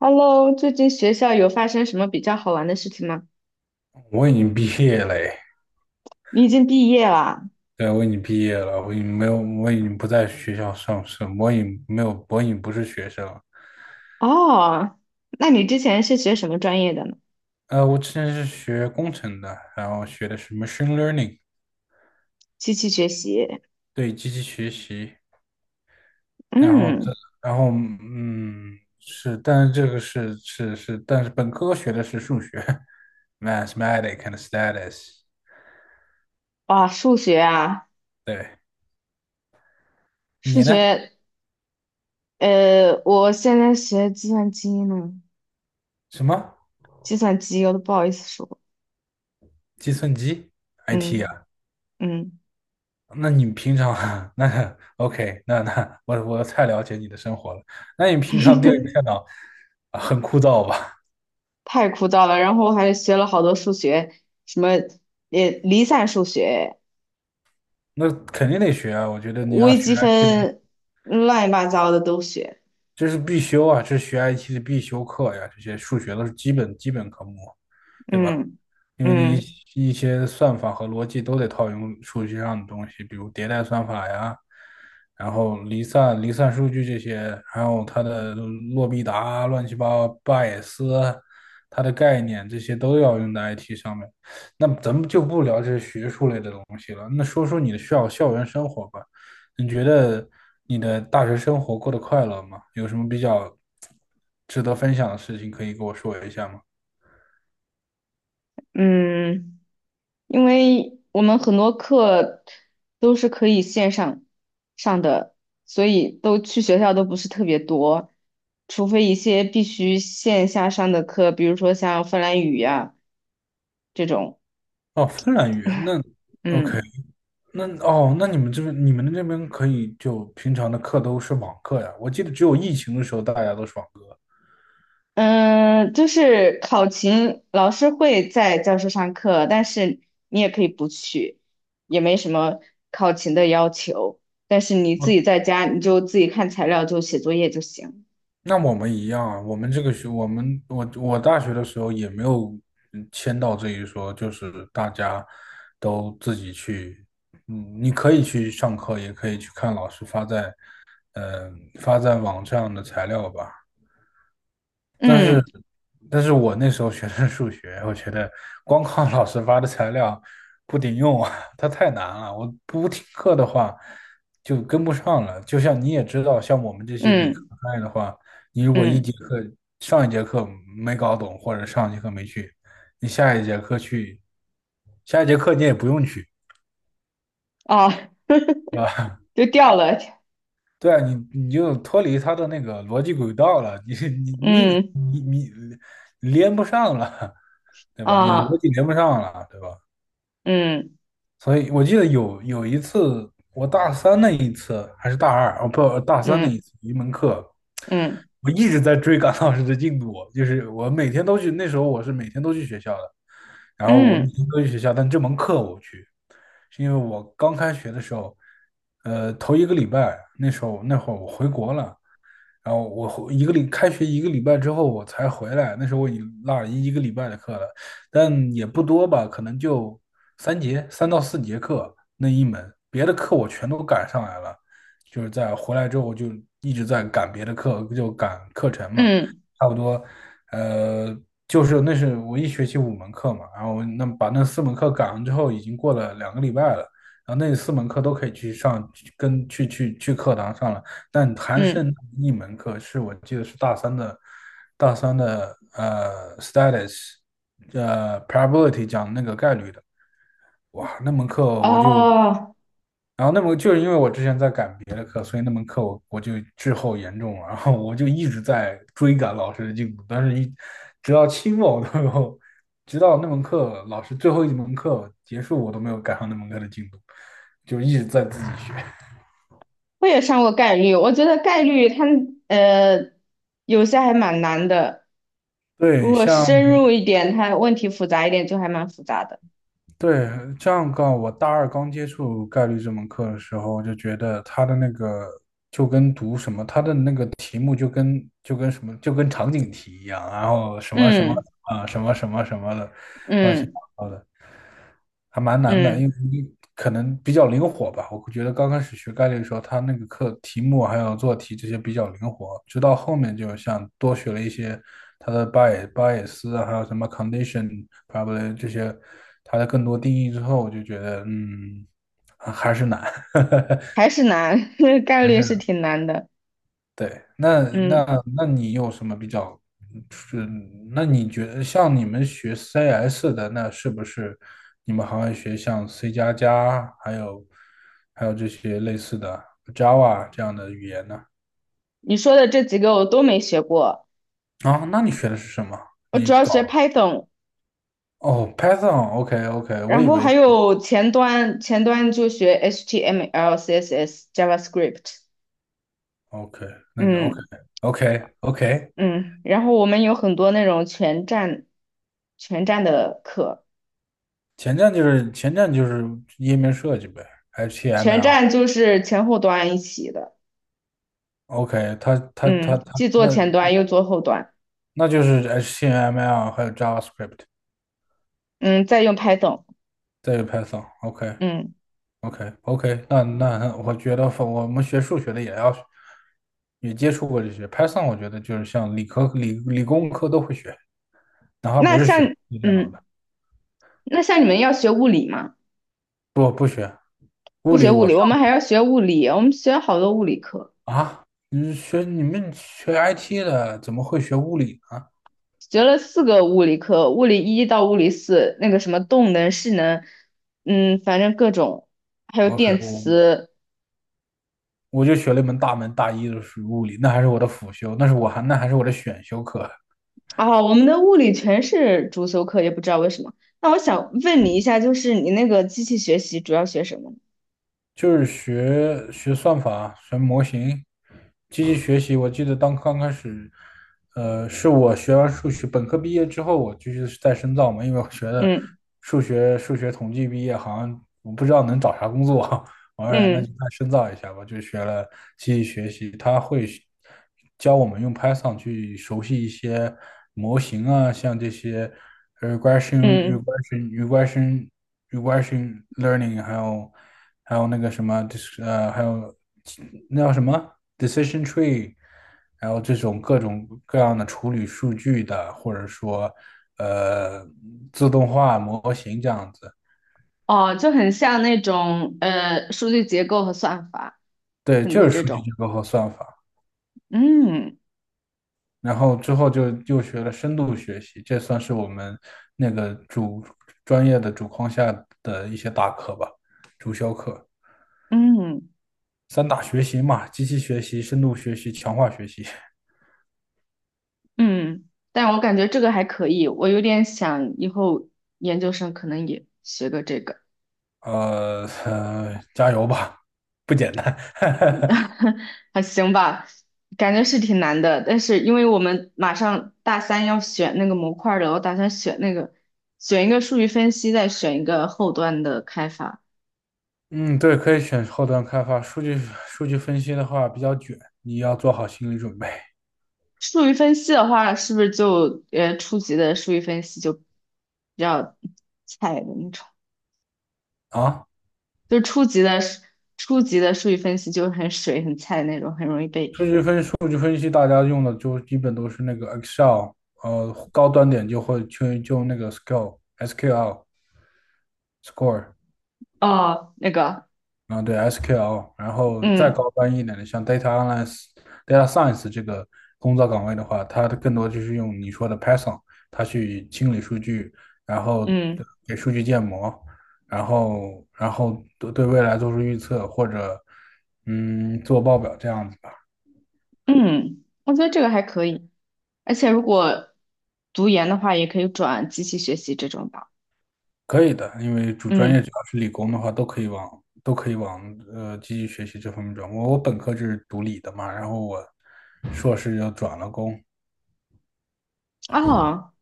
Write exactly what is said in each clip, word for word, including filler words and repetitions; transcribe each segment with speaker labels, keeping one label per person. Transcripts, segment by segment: Speaker 1: Hello，最近学校有发生什么比较好玩的事情吗？
Speaker 2: 我已经毕业了诶。
Speaker 1: 你已经毕业了
Speaker 2: 对，我已经毕业了，我已经没有，我已经不在学校上升，我已经没有，我已经不是学生了。
Speaker 1: 哦，那你之前是学什么专业的呢？
Speaker 2: 呃，我之前是学工程的，然后学的是 machine learning，
Speaker 1: 机器学习。
Speaker 2: 对，机器学习，然后这，
Speaker 1: 嗯，
Speaker 2: 然后嗯，是，但是这个是是是，但是本科学的是数学 ，mathematics and s t a t u s。
Speaker 1: 哇，数学啊，
Speaker 2: 对。
Speaker 1: 数
Speaker 2: 你呢？
Speaker 1: 学，呃，我现在学计算机呢，
Speaker 2: 什么？
Speaker 1: 计算机我都不好意思说。
Speaker 2: 计算机？I T
Speaker 1: 嗯
Speaker 2: 啊？
Speaker 1: 嗯。
Speaker 2: 那你平常 那 OK，那那我我太了解你的生活了。那你平常对着电 脑啊很枯燥吧？
Speaker 1: 太枯燥了。然后我还学了好多数学，什么也离散数学、
Speaker 2: 那肯定得学啊，我觉得你要
Speaker 1: 微
Speaker 2: 学
Speaker 1: 积
Speaker 2: I T 的，
Speaker 1: 分，乱七八糟的都学。
Speaker 2: 这是必修啊，这是学 I T 的必修课呀，这些数学都是基本基本科目，对吧？
Speaker 1: 嗯
Speaker 2: 因为你
Speaker 1: 嗯。
Speaker 2: 一些算法和逻辑都得套用数据上的东西，比如迭代算法呀，然后离散、离散数据这些，还有它的洛必达啊、乱七八糟、巴也斯啊，它的概念这些都要用在 I T 上面。那咱们就不聊这些学术类的东西了，那说说你的校校园生活吧。你觉得你的大学生活过得快乐吗？有什么比较值得分享的事情可以跟我说一下吗？
Speaker 1: 嗯，因为我们很多课都是可以线上上的，所以都去学校都不是特别多，除非一些必须线下上的课，比如说像芬兰语呀、这种。
Speaker 2: 哦，芬兰语言，那 OK。
Speaker 1: 嗯
Speaker 2: 那哦，那你们这边你们那边可以就平常的课都是网课呀？我记得只有疫情的时候大家都是网课。
Speaker 1: 嗯。就是考勤，老师会在教室上课，但是你也可以不去，也没什么考勤的要求。但是你自己
Speaker 2: 嗯，
Speaker 1: 在家，你就自己看材料，就写作业就行。
Speaker 2: 那我们一样啊，我们这个学，我们我我大学的时候也没有嗯签到这一说，就是大家都自己去，嗯，你可以去上课，也可以去看老师发在嗯、呃发在网上的材料吧。
Speaker 1: 嗯
Speaker 2: 但是我那时候学的是数学，我觉得光靠老师发的材料不顶用啊，它太难了。我不听课的话就跟不上了。就像你也知道，像我们这些理科
Speaker 1: 嗯。
Speaker 2: 派的话，你如果一节
Speaker 1: 嗯，
Speaker 2: 课上一节课没搞懂，或者上一节课没去，你下一节课去，下一节课你也不用去，
Speaker 1: 啊，
Speaker 2: 对吧？
Speaker 1: 就掉了。
Speaker 2: 对啊，你你就脱离他的那个逻辑轨道了，你你你
Speaker 1: 嗯，
Speaker 2: 连不上了，对吧？你逻
Speaker 1: 啊，
Speaker 2: 辑连不上了，对吧？
Speaker 1: 嗯
Speaker 2: 所以我记得有有一次，我大三那一次还是大二哦不，大三那一
Speaker 1: 嗯
Speaker 2: 次一门课，
Speaker 1: 嗯
Speaker 2: 我一直在追赶老师的进度，就是我每天都去，那时候我是每天都去学校的，然后我每
Speaker 1: 嗯
Speaker 2: 天都去学校，但这门课我不去，是因为我刚开学的时候，呃，头一个礼拜那时候那会儿我回国了，然后我一个礼开学一个礼拜之后我才回来，那时候我已经落了一一个礼拜的课了，但也不多吧，可能就三节三到四节课那一门，别的课我全都赶上来了，就是在回来之后就一直在赶别的课，就赶课程嘛，
Speaker 1: 嗯
Speaker 2: 差不多，呃，就是那是我一学期五门课嘛，然后那把那四门课赶上之后，已经过了两个礼拜了。然后那四门课都可以去上，去跟去去去课堂上了，但还
Speaker 1: 嗯。
Speaker 2: 剩一门课是我记得是大三的，大三的呃 status，呃 probability 讲那个概率的，哇，那门课我就
Speaker 1: 哦，
Speaker 2: 然后那门就是因为我之前在赶别的课，所以那门课我我就滞后严重了，然后我就一直在追赶老师的进度，但是一直到期末我都没有，直到那门课老师最后一门课结束，我都没有赶上那门课的进度，就一直在自己学。
Speaker 1: 我也上过概率，我觉得概率它呃有些还蛮难的，如
Speaker 2: 对，
Speaker 1: 果
Speaker 2: 像
Speaker 1: 深入一点，它问题复杂一点，就还蛮复杂的。
Speaker 2: 对，这样告我大二刚接触概率这门课的时候，我就觉得它的那个就跟读什么，它的那个题目就跟就跟什么就跟场景题一样，然后什么什么
Speaker 1: 嗯
Speaker 2: 啊什么什么什么的，乱七
Speaker 1: 嗯
Speaker 2: 八糟的。还蛮难的，因
Speaker 1: 嗯。
Speaker 2: 为可能比较灵活吧。我觉得刚开始学概率的时候，他那个课题目还有做题这些比较灵活，直到后面就像多学了一些它的 bias、bias 啊还有什么 condition、probably 这些它的更多定义之后，我就觉得嗯，还是难，
Speaker 1: 还是难，概
Speaker 2: 还
Speaker 1: 率
Speaker 2: 是
Speaker 1: 是
Speaker 2: 难。
Speaker 1: 挺难的。
Speaker 2: 对，那
Speaker 1: 嗯。
Speaker 2: 那那你有什么比较是？那你觉得像你们学 C S 的，那是不是你们还会学像 C 加加，还有还有这些类似的 Java 这样的语言呢？
Speaker 1: 你说的这几个我都没学过，
Speaker 2: 啊，那你学的是什么？
Speaker 1: 我
Speaker 2: 你
Speaker 1: 主要学
Speaker 2: 搞
Speaker 1: Python，
Speaker 2: 哦，Python，OK OK，我
Speaker 1: 然
Speaker 2: 以
Speaker 1: 后还
Speaker 2: 为
Speaker 1: 有前端，前端就学 H T M L、C S S、JavaScript。
Speaker 2: OK，那就 OK
Speaker 1: 嗯
Speaker 2: OK OK。
Speaker 1: 嗯。然后我们有很多那种全站全站的课，
Speaker 2: 前站就是前站就是页面设计呗
Speaker 1: 全
Speaker 2: ，HTML。
Speaker 1: 站就是前后端一起的。
Speaker 2: OK，它它
Speaker 1: 嗯。
Speaker 2: 它它，
Speaker 1: 既做
Speaker 2: 那
Speaker 1: 前端又做后端。
Speaker 2: 那就是 HTML 还有 JavaScript，
Speaker 1: 嗯。再用 Python。
Speaker 2: 再有 Python。OK
Speaker 1: 嗯。
Speaker 2: OK OK，那那我觉得我们学数学的也要也接触过这些。Python 我觉得就是像理科、理理工科都会学，哪怕不
Speaker 1: 那
Speaker 2: 是学
Speaker 1: 像
Speaker 2: 电脑
Speaker 1: 嗯，
Speaker 2: 的，
Speaker 1: 那像你们要学物理吗？
Speaker 2: 不不学物
Speaker 1: 不
Speaker 2: 理
Speaker 1: 学物
Speaker 2: 我
Speaker 1: 理，
Speaker 2: 上
Speaker 1: 我们还要学物理，我们学好多物理课。
Speaker 2: 啊，你学你们学 I T 的怎么会学物理呢
Speaker 1: 学了四个物理课，物理一到物理四，那个什么动能、势能，嗯，反正各种，还有
Speaker 2: ？OK，
Speaker 1: 电
Speaker 2: 我
Speaker 1: 磁
Speaker 2: 我就学了一门大门大一的是物理，那还是我的辅修，那是我还那还是我的选修课。
Speaker 1: 啊，我们的物理全是主修课，也不知道为什么。那我想问你一下，就是你那个机器学习主要学什么呢？
Speaker 2: 就是学学算法、学模型、机器学习。我记得当刚开始，呃，是我学完数学本科毕业之后，我继续再深造嘛，因为我学的
Speaker 1: 嗯
Speaker 2: 数学数学统计毕业，好像我不知道能找啥工作。哎，那就
Speaker 1: 嗯
Speaker 2: 再深造一下吧，就学了机器学习，它会学教我们用 Python 去熟悉一些模型啊，像这些 regression、
Speaker 1: 嗯。
Speaker 2: regression、regression、regression learning，还有还有那个什么，就是呃，还有那叫什么 decision tree，还有这种各种各样的处理数据的，或者说呃自动化模型这样子，
Speaker 1: 哦，就很像那种呃数据结构和算法，
Speaker 2: 对，
Speaker 1: 很
Speaker 2: 就
Speaker 1: 多
Speaker 2: 是
Speaker 1: 这
Speaker 2: 数据
Speaker 1: 种。
Speaker 2: 结构和算法。
Speaker 1: 嗯
Speaker 2: 然后之后就又学了深度学习，这算是我们那个主专业的主框架的一些大课吧，主修课。
Speaker 1: 嗯
Speaker 2: 三大学习嘛，机器学习、深度学习、强化学习。
Speaker 1: 嗯。但我感觉这个还可以，我有点想以后研究生可能也学个这个。
Speaker 2: 呃呃，加油吧，不简单。
Speaker 1: 还行吧，感觉是挺难的。但是因为我们马上大三要选那个模块儿了，我打算选那个，选一个数据分析，再选一个后端的开发。
Speaker 2: 嗯，对，可以选后端开发。数据数据分析的话比较卷，你要做好心理准备
Speaker 1: 数据分析的话，是不是就呃初级的数据分析就比较菜的那种？
Speaker 2: 啊。
Speaker 1: 就是初级的初级的数据分析就很水很菜的那种，很容易被
Speaker 2: 数据分数据分析，大家用的就基本都是那个 Excel，呃，高端点就会去就用那个 S Q L、S Q L、Score，
Speaker 1: 哦，那个
Speaker 2: 啊，对 S Q L，然后再
Speaker 1: 嗯
Speaker 2: 高端一点的，像 Data Analyst、Data Science 这个工作岗位的话，它更多就是用你说的 Python，它去清理数据，然后
Speaker 1: 嗯。
Speaker 2: 给数据建模，然后然后对对未来做出预测或者嗯做报表这样子。
Speaker 1: 嗯，我觉得这个还可以，而且如果读研的话，也可以转机器学习这种吧。
Speaker 2: 可以的，因为主专业
Speaker 1: 嗯。
Speaker 2: 只要是理工的话，都可以往都可以往呃继续学习这方面转。我我本科就是读理的嘛，然后我硕士又转了工，
Speaker 1: 哦。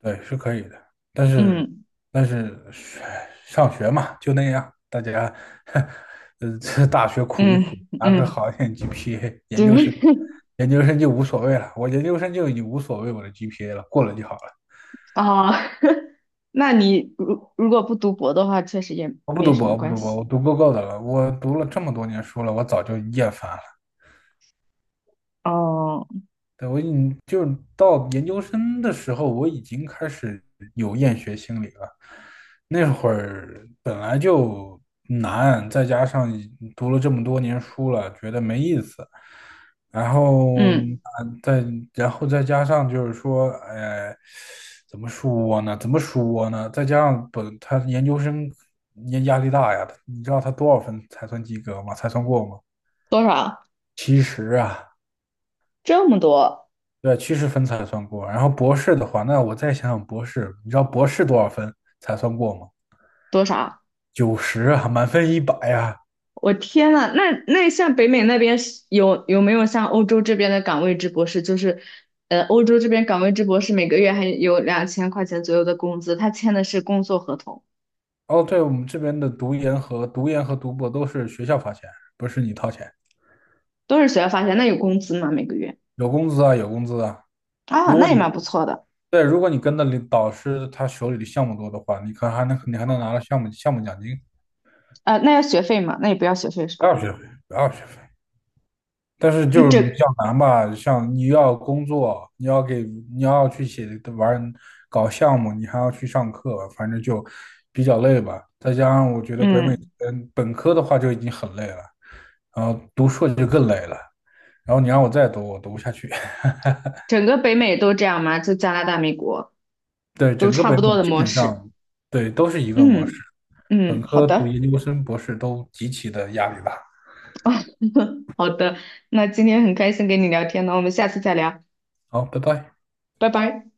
Speaker 2: 对，是可以的。但是
Speaker 1: 嗯
Speaker 2: 但是唉，上学嘛，就那样，大家 呃这大学苦一苦，
Speaker 1: 嗯
Speaker 2: 拿个
Speaker 1: 嗯。
Speaker 2: 好一点 G P A，研
Speaker 1: 对。
Speaker 2: 究生 研究生就无所谓了。我研究生就已经无所谓我的 G P A 了，过了就好了。
Speaker 1: 哦。那你如如果不读博的话，确实也
Speaker 2: 我不
Speaker 1: 没
Speaker 2: 读
Speaker 1: 什
Speaker 2: 博，
Speaker 1: 么
Speaker 2: 我不
Speaker 1: 关
Speaker 2: 读博，
Speaker 1: 系。
Speaker 2: 我读够够的了。我读了这么多年书了，我早就厌烦了。
Speaker 1: 哦。
Speaker 2: 对，我你就到研究生的时候，我已经开始有厌学心理了。那会儿本来就难，再加上读了这么多年书了，觉得没意思。然后
Speaker 1: 嗯。
Speaker 2: 啊，再然后再加上就是说，哎，怎么说呢？怎么说呢？再加上本他研究生压压力大呀，你知道他多少分才算及格吗？才算过吗？
Speaker 1: 多少？
Speaker 2: 其实啊，
Speaker 1: 这么多。
Speaker 2: 对，趋势分才算过。然后博士的话，那我再想想博士，你知道博士多少分才算过吗？
Speaker 1: 多少？
Speaker 2: 九十啊，满分一百呀。
Speaker 1: 我天呐，那那像北美那边是有有没有像欧洲这边的岗位制博士？就是，呃，欧洲这边岗位制博士每个月还有两千块钱左右的工资，他签的是工作合同，
Speaker 2: 哦，对，我们这边的读研和读研和读博都是学校发钱，不是你掏钱，
Speaker 1: 都是学校发钱，那有工资吗？每个月？
Speaker 2: 有工资啊，有工资啊。
Speaker 1: 啊，
Speaker 2: 如果
Speaker 1: 那也
Speaker 2: 你
Speaker 1: 蛮不错的。
Speaker 2: 对，如果你跟的领导师他手里的项目多的话，你可还能你还能拿到项目项目奖金，
Speaker 1: 呃，那要学费吗？那也不要学费是
Speaker 2: 不
Speaker 1: 吧？
Speaker 2: 要学费，不要学费。但是
Speaker 1: 那
Speaker 2: 就是
Speaker 1: 整，
Speaker 2: 比较难吧，像你要工作，你要给，你要去写玩搞项目，你还要去上课，反正就比较累吧。再加上我觉得北美
Speaker 1: 嗯，
Speaker 2: 嗯本科的话就已经很累了，然后读硕就更累了，然后你让我再读，我读不下去。
Speaker 1: 整个北美都这样吗？就加拿大、美国
Speaker 2: 对，
Speaker 1: 都
Speaker 2: 整个
Speaker 1: 差
Speaker 2: 北
Speaker 1: 不
Speaker 2: 美
Speaker 1: 多的
Speaker 2: 基
Speaker 1: 模
Speaker 2: 本
Speaker 1: 式。
Speaker 2: 上对都是一个模式，
Speaker 1: 嗯
Speaker 2: 本
Speaker 1: 嗯。好
Speaker 2: 科读
Speaker 1: 的。
Speaker 2: 研究生、博士都极其的压力大。
Speaker 1: 好的，那今天很开心跟你聊天呢，我们下次再聊。
Speaker 2: 好，拜拜。
Speaker 1: 拜拜。